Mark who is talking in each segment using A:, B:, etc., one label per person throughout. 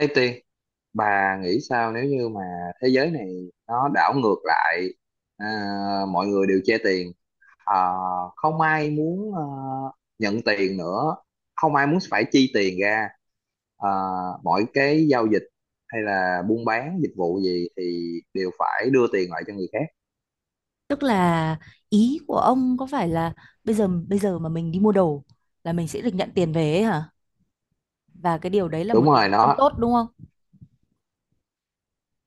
A: Thế Tiên, bà nghĩ sao nếu như mà thế giới này nó đảo ngược lại? à, Mọi người đều che tiền, à, không ai muốn nhận tiền nữa, không ai muốn phải chi tiền ra, à, mọi cái giao dịch hay là buôn bán dịch vụ gì thì đều phải đưa tiền lại cho người khác.
B: Tức là ý của ông có phải là bây giờ mà mình đi mua đồ là mình sẽ được nhận tiền về ấy hả? Và cái điều đấy là
A: Đúng
B: một điều
A: rồi,
B: không
A: nó
B: tốt đúng không?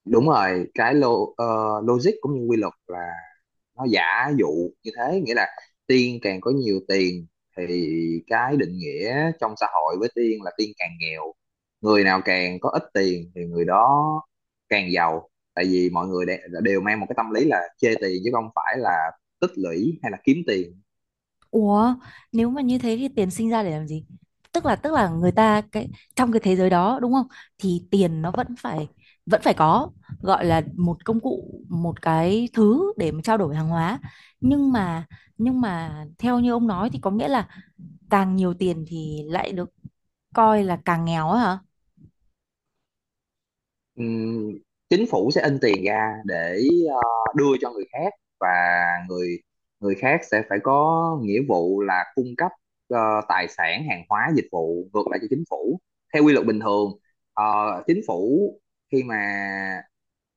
A: đúng rồi, cái lo, ờ, logic cũng như quy luật nó giả dụ như thế, nghĩa là tiên càng có nhiều tiền thì cái định nghĩa trong xã hội với tiên là tiên càng nghèo. Người nào càng có ít tiền thì người đó càng giàu, tại vì mọi người đều mang một cái tâm lý là chê tiền chứ không phải là tích lũy hay là kiếm tiền.
B: Ủa, nếu mà như thế thì tiền sinh ra để làm gì? Tức là người ta cái, trong cái thế giới đó đúng không? Thì tiền nó vẫn phải có, gọi là một công cụ, một cái thứ để mà trao đổi hàng hóa. Nhưng mà nhưng mà theo như ông nói thì có nghĩa là càng nhiều tiền thì lại được coi là càng nghèo á hả?
A: Ừm, Chính phủ sẽ in tiền ra để ờ, đưa cho người khác, và người người khác sẽ phải có nghĩa vụ là cung cấp ờ, tài sản, hàng hóa, dịch vụ ngược lại cho chính phủ theo quy luật bình thường. ờ, Chính phủ khi mà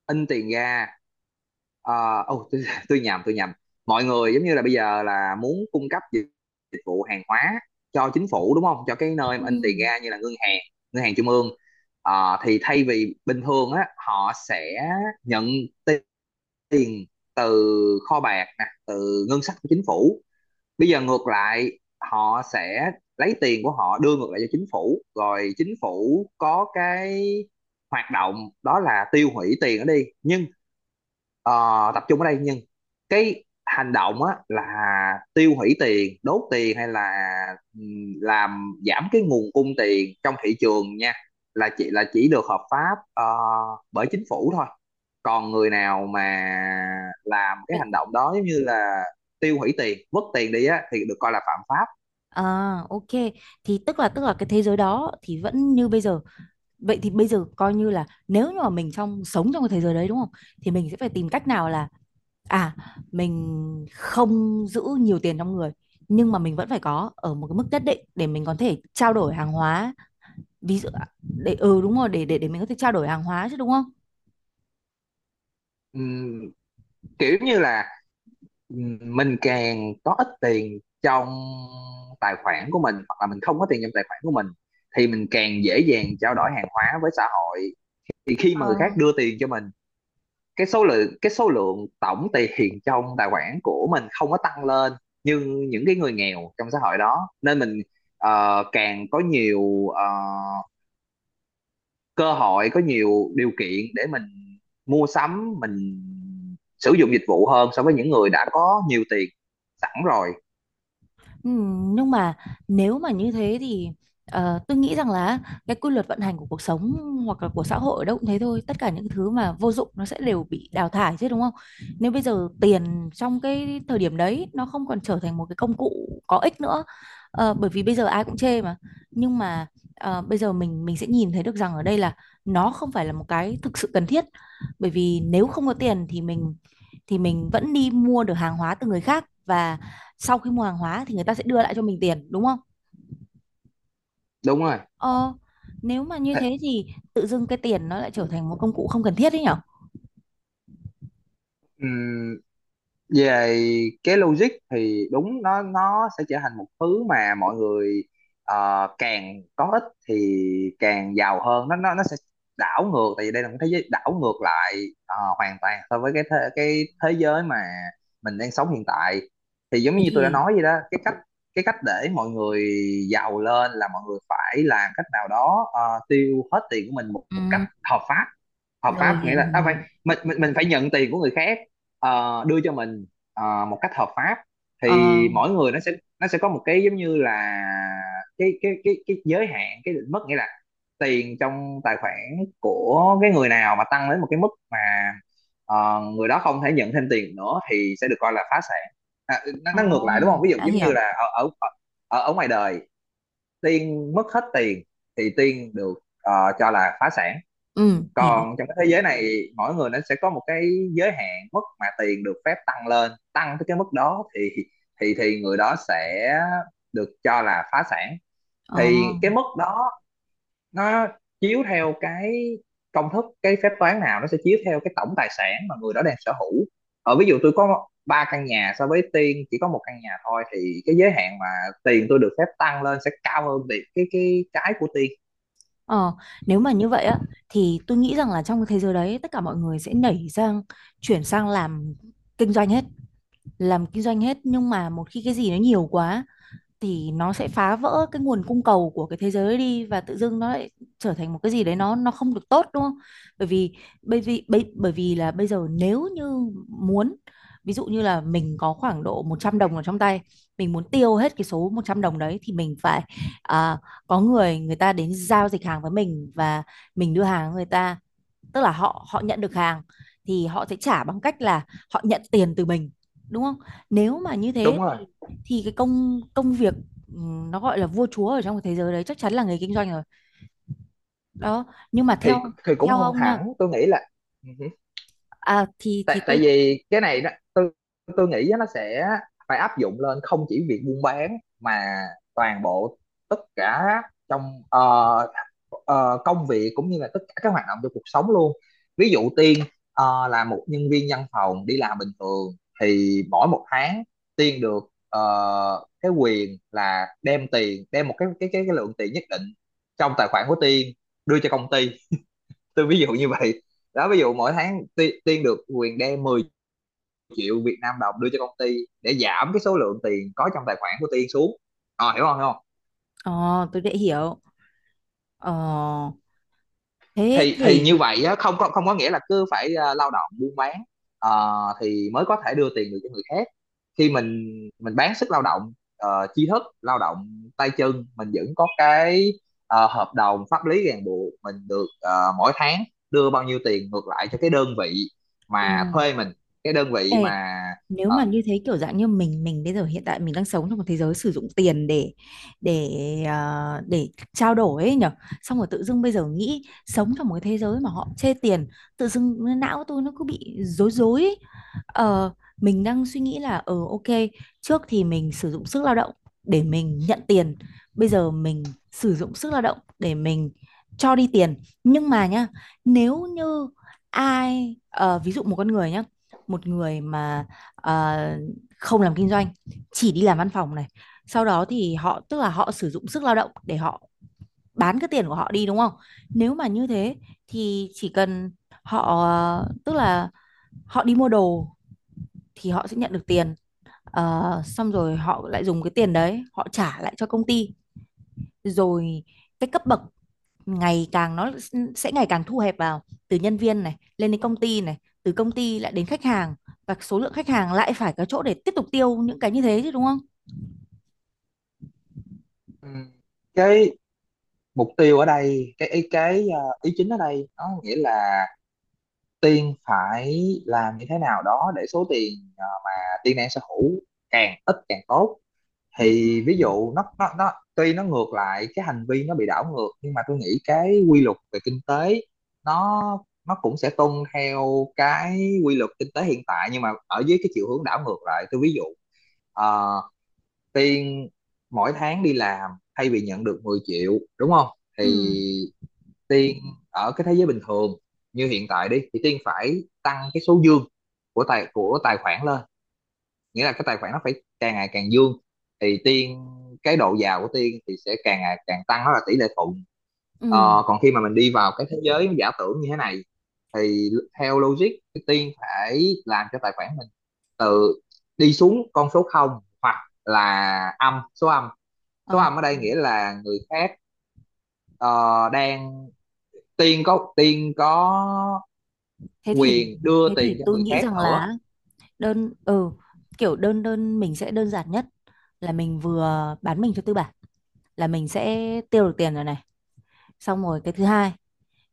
A: in tiền ra, ờ, ô, tôi, tôi nhầm, mọi người giống như là bây giờ là muốn cung cấp dịch vụ, hàng hóa cho chính phủ, đúng không, cho cái nơi mà in tiền ra, như là ngân hàng, ngân hàng trung ương. Ờ, thì thay vì bình thường á họ sẽ nhận ti- tiền từ kho bạc nè, từ ngân sách của chính phủ. Bây giờ ngược lại họ sẽ lấy tiền của họ đưa ngược lại cho chính phủ, rồi chính phủ có cái hoạt động đó là tiêu hủy tiền đó đi. Nhưng ờ, tập trung ở đây, nhưng cái hành động á là tiêu hủy tiền, đốt tiền, hay là làm giảm cái nguồn cung tiền trong thị trường nha, là chỉ được hợp pháp bởi chính phủ thôi. Còn người nào mà làm cái
B: Ừ.
A: hành động đó, giống như là tiêu hủy tiền, vứt tiền đi á, thì được coi là phạm pháp.
B: À, ok. Thì tức là cái thế giới đó thì vẫn như bây giờ. Vậy thì bây giờ coi như là nếu như mà mình, trong sống trong cái thế giới đấy đúng không? Thì mình sẽ phải tìm cách nào là, à mình không giữ nhiều tiền trong người, nhưng mà mình vẫn phải có ở một cái mức nhất định để mình có thể trao đổi hàng hóa. Ví dụ để, đúng rồi, để mình có thể trao đổi hàng hóa chứ đúng không?
A: Ừm, Kiểu như là mình càng có ít tiền trong tài khoản của mình, hoặc là mình không có tiền trong tài khoản của mình, thì mình càng dễ dàng trao đổi hàng hóa với xã hội. Thì khi mà người khác đưa tiền cho mình, cái số lượng tổng tiền trong tài khoản của mình không có tăng lên như những cái người nghèo trong xã hội đó, nên mình càng có nhiều cơ hội, có nhiều điều kiện để mình mua sắm, mình sử dụng dịch vụ hơn so với những người đã có nhiều tiền sẵn rồi.
B: Nhưng mà nếu mà như thế thì, tôi nghĩ rằng là cái quy luật vận hành của cuộc sống hoặc là của xã hội đâu cũng thế thôi. Tất cả những thứ mà vô dụng nó sẽ đều bị đào thải chứ đúng không? Nếu bây giờ tiền trong cái thời điểm đấy nó không còn trở thành một cái công cụ có ích nữa, bởi vì bây giờ ai cũng chê mà. Nhưng mà, bây giờ mình sẽ nhìn thấy được rằng ở đây là nó không phải là một cái thực sự cần thiết, bởi vì nếu không có tiền thì mình, thì mình vẫn đi mua được hàng hóa từ người khác, và sau khi mua hàng hóa thì người ta sẽ đưa lại cho mình tiền đúng không?
A: Đúng rồi.
B: ờ Nếu mà như
A: Thế,
B: thế thì tự dưng cái tiền nó lại trở thành một công cụ không cần thiết đấy nhở.
A: về cái logic thì đúng, nó sẽ trở thành một thứ mà mọi người càng có ít thì càng giàu hơn. Nó sẽ đảo ngược, tại vì đây là một thế giới đảo ngược lại hoàn toàn so với cái thế giới mà mình đang sống hiện tại. Thì giống
B: Thế
A: như tôi đã
B: thì,
A: nói vậy đó, cái cách để mọi người giàu lên là mọi người phải làm cách nào đó tiêu hết tiền của mình một
B: ừ,
A: cách hợp pháp. Hợp
B: rồi.
A: pháp nghĩa
B: Hiểu
A: là phải
B: hiểu.
A: mình phải nhận tiền của người khác đưa cho mình một cách hợp pháp.
B: ờ
A: Thì mỗi người nó sẽ có một cái giống như là cái giới hạn, cái định mức, nghĩa là tiền trong tài khoản của cái người nào mà tăng đến một cái mức mà người đó không thể nhận thêm tiền nữa thì sẽ được coi là phá sản. à,
B: ờ,
A: nó ngược lại đúng không? Ví dụ
B: đã
A: giống như
B: hiểu.
A: là ở ở ở ở ngoài đời, Tiên mất hết tiền thì Tiên được ờ, cho là phá sản.
B: Ừ, hiểu.
A: Còn trong cái thế giới này, mỗi người nó sẽ có một cái giới hạn mức mà tiền được phép tăng lên, tăng tới cái mức đó thì người đó sẽ được cho là phá sản.
B: ờ
A: Thì cái mức đó nó chiếu theo cái công thức, cái phép toán nào nó sẽ chiếu theo cái tổng tài sản mà người đó đang sở hữu. Ở ví dụ, tôi có ba căn nhà so với Tiên chỉ có một căn nhà thôi, thì cái giới hạn mà tiền tôi được phép tăng lên sẽ cao hơn việc cái của Tiên.
B: ờ Nếu mà như vậy á, thì tôi nghĩ rằng là trong cái thế giới đấy tất cả mọi người sẽ nảy sang, chuyển sang làm kinh doanh hết. Làm kinh doanh hết, nhưng mà một khi cái gì nó nhiều quá thì nó sẽ phá vỡ cái nguồn cung cầu của cái thế giới đi, và tự dưng nó lại trở thành một cái gì đấy, nó không được tốt đúng không? Bởi vì bởi vì là bây giờ nếu như muốn, ví dụ như là mình có khoảng độ 100 đồng ở trong tay, mình muốn tiêu hết cái số 100 đồng đấy thì mình phải, à, có người người ta đến giao dịch hàng với mình, và mình đưa hàng người ta, tức là họ họ nhận được hàng thì họ sẽ trả bằng cách là họ nhận tiền từ mình đúng không? Nếu mà như thế
A: Đúng
B: thì,
A: rồi.
B: cái công công việc, nó gọi là vua chúa ở trong cái thế giới đấy chắc chắn là người kinh doanh rồi đó. Nhưng mà
A: thì
B: theo,
A: thì cũng không
B: ông nha.
A: hẳn, tôi nghĩ là ừ hử.
B: Thì
A: Tại
B: thì
A: tại vì cái này đó, tôi nghĩ á, nó sẽ phải áp dụng lên không chỉ việc buôn bán mà toàn bộ, tất cả trong công việc cũng như là tất cả các hoạt động trong cuộc sống luôn. Ví dụ Tiên là một nhân viên văn phòng đi làm bình thường, thì mỗi một tháng Tiên được cái quyền là đem một cái lượng tiền nhất định trong tài khoản của Tiên đưa cho công ty. Tôi ví dụ như vậy đó. Ví dụ mỗi tháng Tiên được quyền đem 10 triệu Việt Nam đồng đưa cho công ty để giảm cái số lượng tiền có trong tài khoản của Tiên xuống. Ờ, hiểu không, hiểu không?
B: tôi đã hiểu. ờ, Thế
A: Thì
B: thì,
A: như vậy á, không có nghĩa là cứ phải lao động, buôn bán ờ, thì mới có thể đưa tiền được cho người khác. Khi mình bán sức lao động, tri thức lao động, tay chân, mình vẫn có cái hợp đồng pháp lý ràng buộc mình được mỗi tháng đưa bao nhiêu tiền ngược lại cho cái đơn vị
B: ừ,
A: mà thuê mình, cái đơn vị
B: ê,
A: mà
B: nếu
A: ờ,
B: mà như thế kiểu dạng như mình bây giờ hiện tại mình đang sống trong một thế giới sử dụng tiền để, để để trao đổi ấy nhở, xong rồi tự dưng bây giờ nghĩ sống trong một cái thế giới mà họ chê tiền, tự dưng não tôi nó cứ bị rối rối ấy. Ờ, mình đang suy nghĩ là, ok, trước thì mình sử dụng sức lao động để mình nhận tiền, bây giờ mình sử dụng sức lao động để mình cho đi tiền. Nhưng mà nhá, nếu như ai, ví dụ một con người nhá, một người mà, ờ, không làm kinh doanh, chỉ đi làm văn phòng này, sau đó thì họ, tức là họ sử dụng sức lao động để họ bán cái tiền của họ đi đúng không? Nếu mà như thế thì chỉ cần họ, tức là họ đi mua đồ thì họ sẽ nhận được tiền. Ờ, xong rồi họ lại dùng cái tiền đấy họ trả lại cho công ty, rồi cái cấp bậc ngày càng, nó sẽ ngày càng thu hẹp vào, từ nhân viên này lên đến công ty này, từ công ty lại đến khách hàng, và số lượng khách hàng lại phải có chỗ để tiếp tục tiêu những cái như thế chứ đúng không?
A: ừ. Cái mục tiêu ở đây, cái ý cái ờ, ý chính ở đây nó nghĩa là Tiên phải làm như thế nào đó để số tiền mà Tiên đang sở hữu càng ít càng tốt.
B: Ừ.
A: Thì ví dụ nó tuy nó ngược lại, cái hành vi nó bị đảo ngược, nhưng mà tôi nghĩ cái quy luật về kinh tế nó nó cũng sẽ tuân theo cái quy luật kinh tế hiện tại nhưng mà ở dưới cái chiều hướng đảo ngược lại. Tôi ví dụ ờ, Tiên mỗi tháng đi làm, thay vì nhận được 10 triệu đúng không?
B: Ừ.
A: Thì Tiên ở cái thế giới bình thường như hiện tại đi thì Tiên phải tăng cái số dương của tài khoản lên, nghĩa là cái tài khoản nó phải càng ngày càng dương, thì tiên cái độ giàu của tiên thì sẽ càng ngày càng tăng, đó là tỷ lệ thuận.
B: Ừ.
A: Ờ, còn khi mà mình đi vào cái thế giới giả tưởng như thế này thì theo logic thì tiên phải làm cho tài khoản mình từ đi xuống con số không, hoặc là âm, số âm. Số
B: Ờ.
A: âm ở đây nghĩa là người khác ờ, đang tiên có
B: Thế thì,
A: quyền đưa tiền cho
B: tôi
A: người
B: nghĩ
A: khác
B: rằng
A: nữa.
B: là, đơn ừ, kiểu đơn, mình sẽ đơn giản nhất là mình vừa bán mình cho tư bản là mình sẽ tiêu được tiền rồi này. Xong rồi cái thứ hai,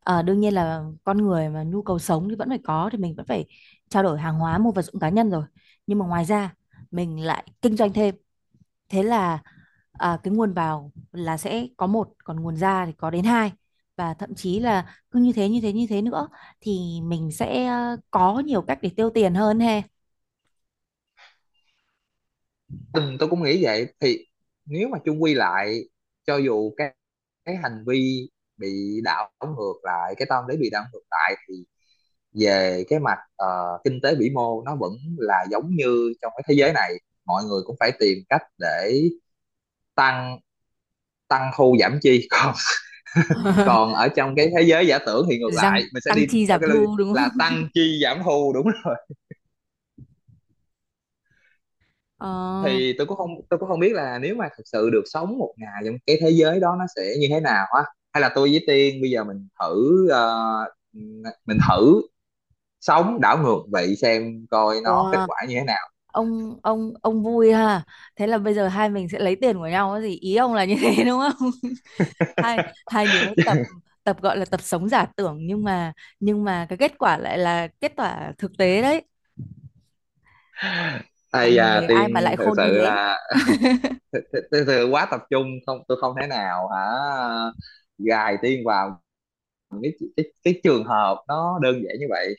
B: ờ, đương nhiên là con người mà nhu cầu sống thì vẫn phải có, thì mình vẫn phải trao đổi hàng hóa mua vật dụng cá nhân rồi, nhưng mà ngoài ra mình lại kinh doanh thêm, thế là, cái nguồn vào là sẽ có một, còn nguồn ra thì có đến hai, và thậm chí là cứ như thế như thế như thế nữa, thì mình sẽ, có nhiều cách để tiêu tiền hơn he.
A: Ừ, tôi cũng nghĩ vậy. Thì nếu mà chung quy lại, cho dù cái hành vi bị đảo ngược lại, cái tâm lý bị đảo ngược lại, thì về cái mặt kinh tế vĩ mô nó vẫn là giống như trong cái thế giới này, mọi người cũng phải tìm cách để tăng, tăng thu giảm chi còn còn ở trong cái thế giới giả tưởng thì ngược lại
B: Răng
A: mình sẽ
B: tăng
A: đi
B: chi
A: theo
B: giảm
A: cái
B: thu đúng không?
A: là tăng chi giảm thu, đúng rồi.
B: Ờ.
A: Thì tôi cũng không biết là nếu mà thực sự được sống một ngày trong cái thế giới đó nó sẽ như thế nào á, hay là tôi với Tiên bây giờ mình thử sống đảo ngược vậy xem coi nó kết
B: Wow.
A: quả như thế nào.
B: Ông vui ha. Thế là bây giờ hai mình sẽ lấy tiền của nhau cái gì? Ý ông là như thế đúng không? Hai hai đứa tập tập gọi là tập sống giả tưởng, nhưng mà, cái kết quả lại là kết quả thực tế đấy.
A: Ây
B: Làm
A: da,
B: người ai mà
A: Tiên
B: lại
A: thực
B: khôn
A: sự
B: như thế.
A: là thực sự quá tập trung, không, tôi không thể nào hả gài Tiên vào cái trường hợp nó đơn giản như vậy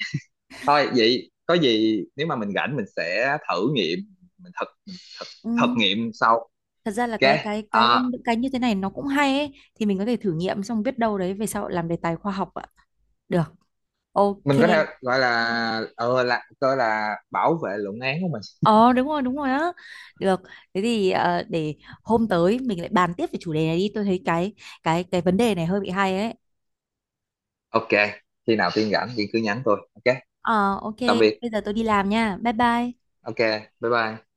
A: thôi. Vậy có gì nếu mà mình rảnh mình sẽ thử nghiệm, mình thực thực,
B: Ừ.
A: thực nghiệm sau.
B: Thật ra là
A: Ok,
B: cái
A: à,
B: những cái như thế này nó cũng hay ấy, thì mình có thể thử nghiệm, xong biết đâu đấy về sau làm đề tài khoa học ạ. Được. Ok.
A: mình có thể gọi là là coi là bảo vệ luận án của mình.
B: Ờ đúng rồi, đúng rồi á. Được, thế thì, để hôm tới mình lại bàn tiếp về chủ đề này đi. Tôi thấy cái, vấn đề này hơi bị hay ấy.
A: Ok, khi nào Tiên rảnh Tiên cứ nhắn tôi. Ok,
B: Ờ, ok,
A: tạm biệt.
B: bây giờ tôi đi làm nha. Bye bye.
A: Ok, bye bye.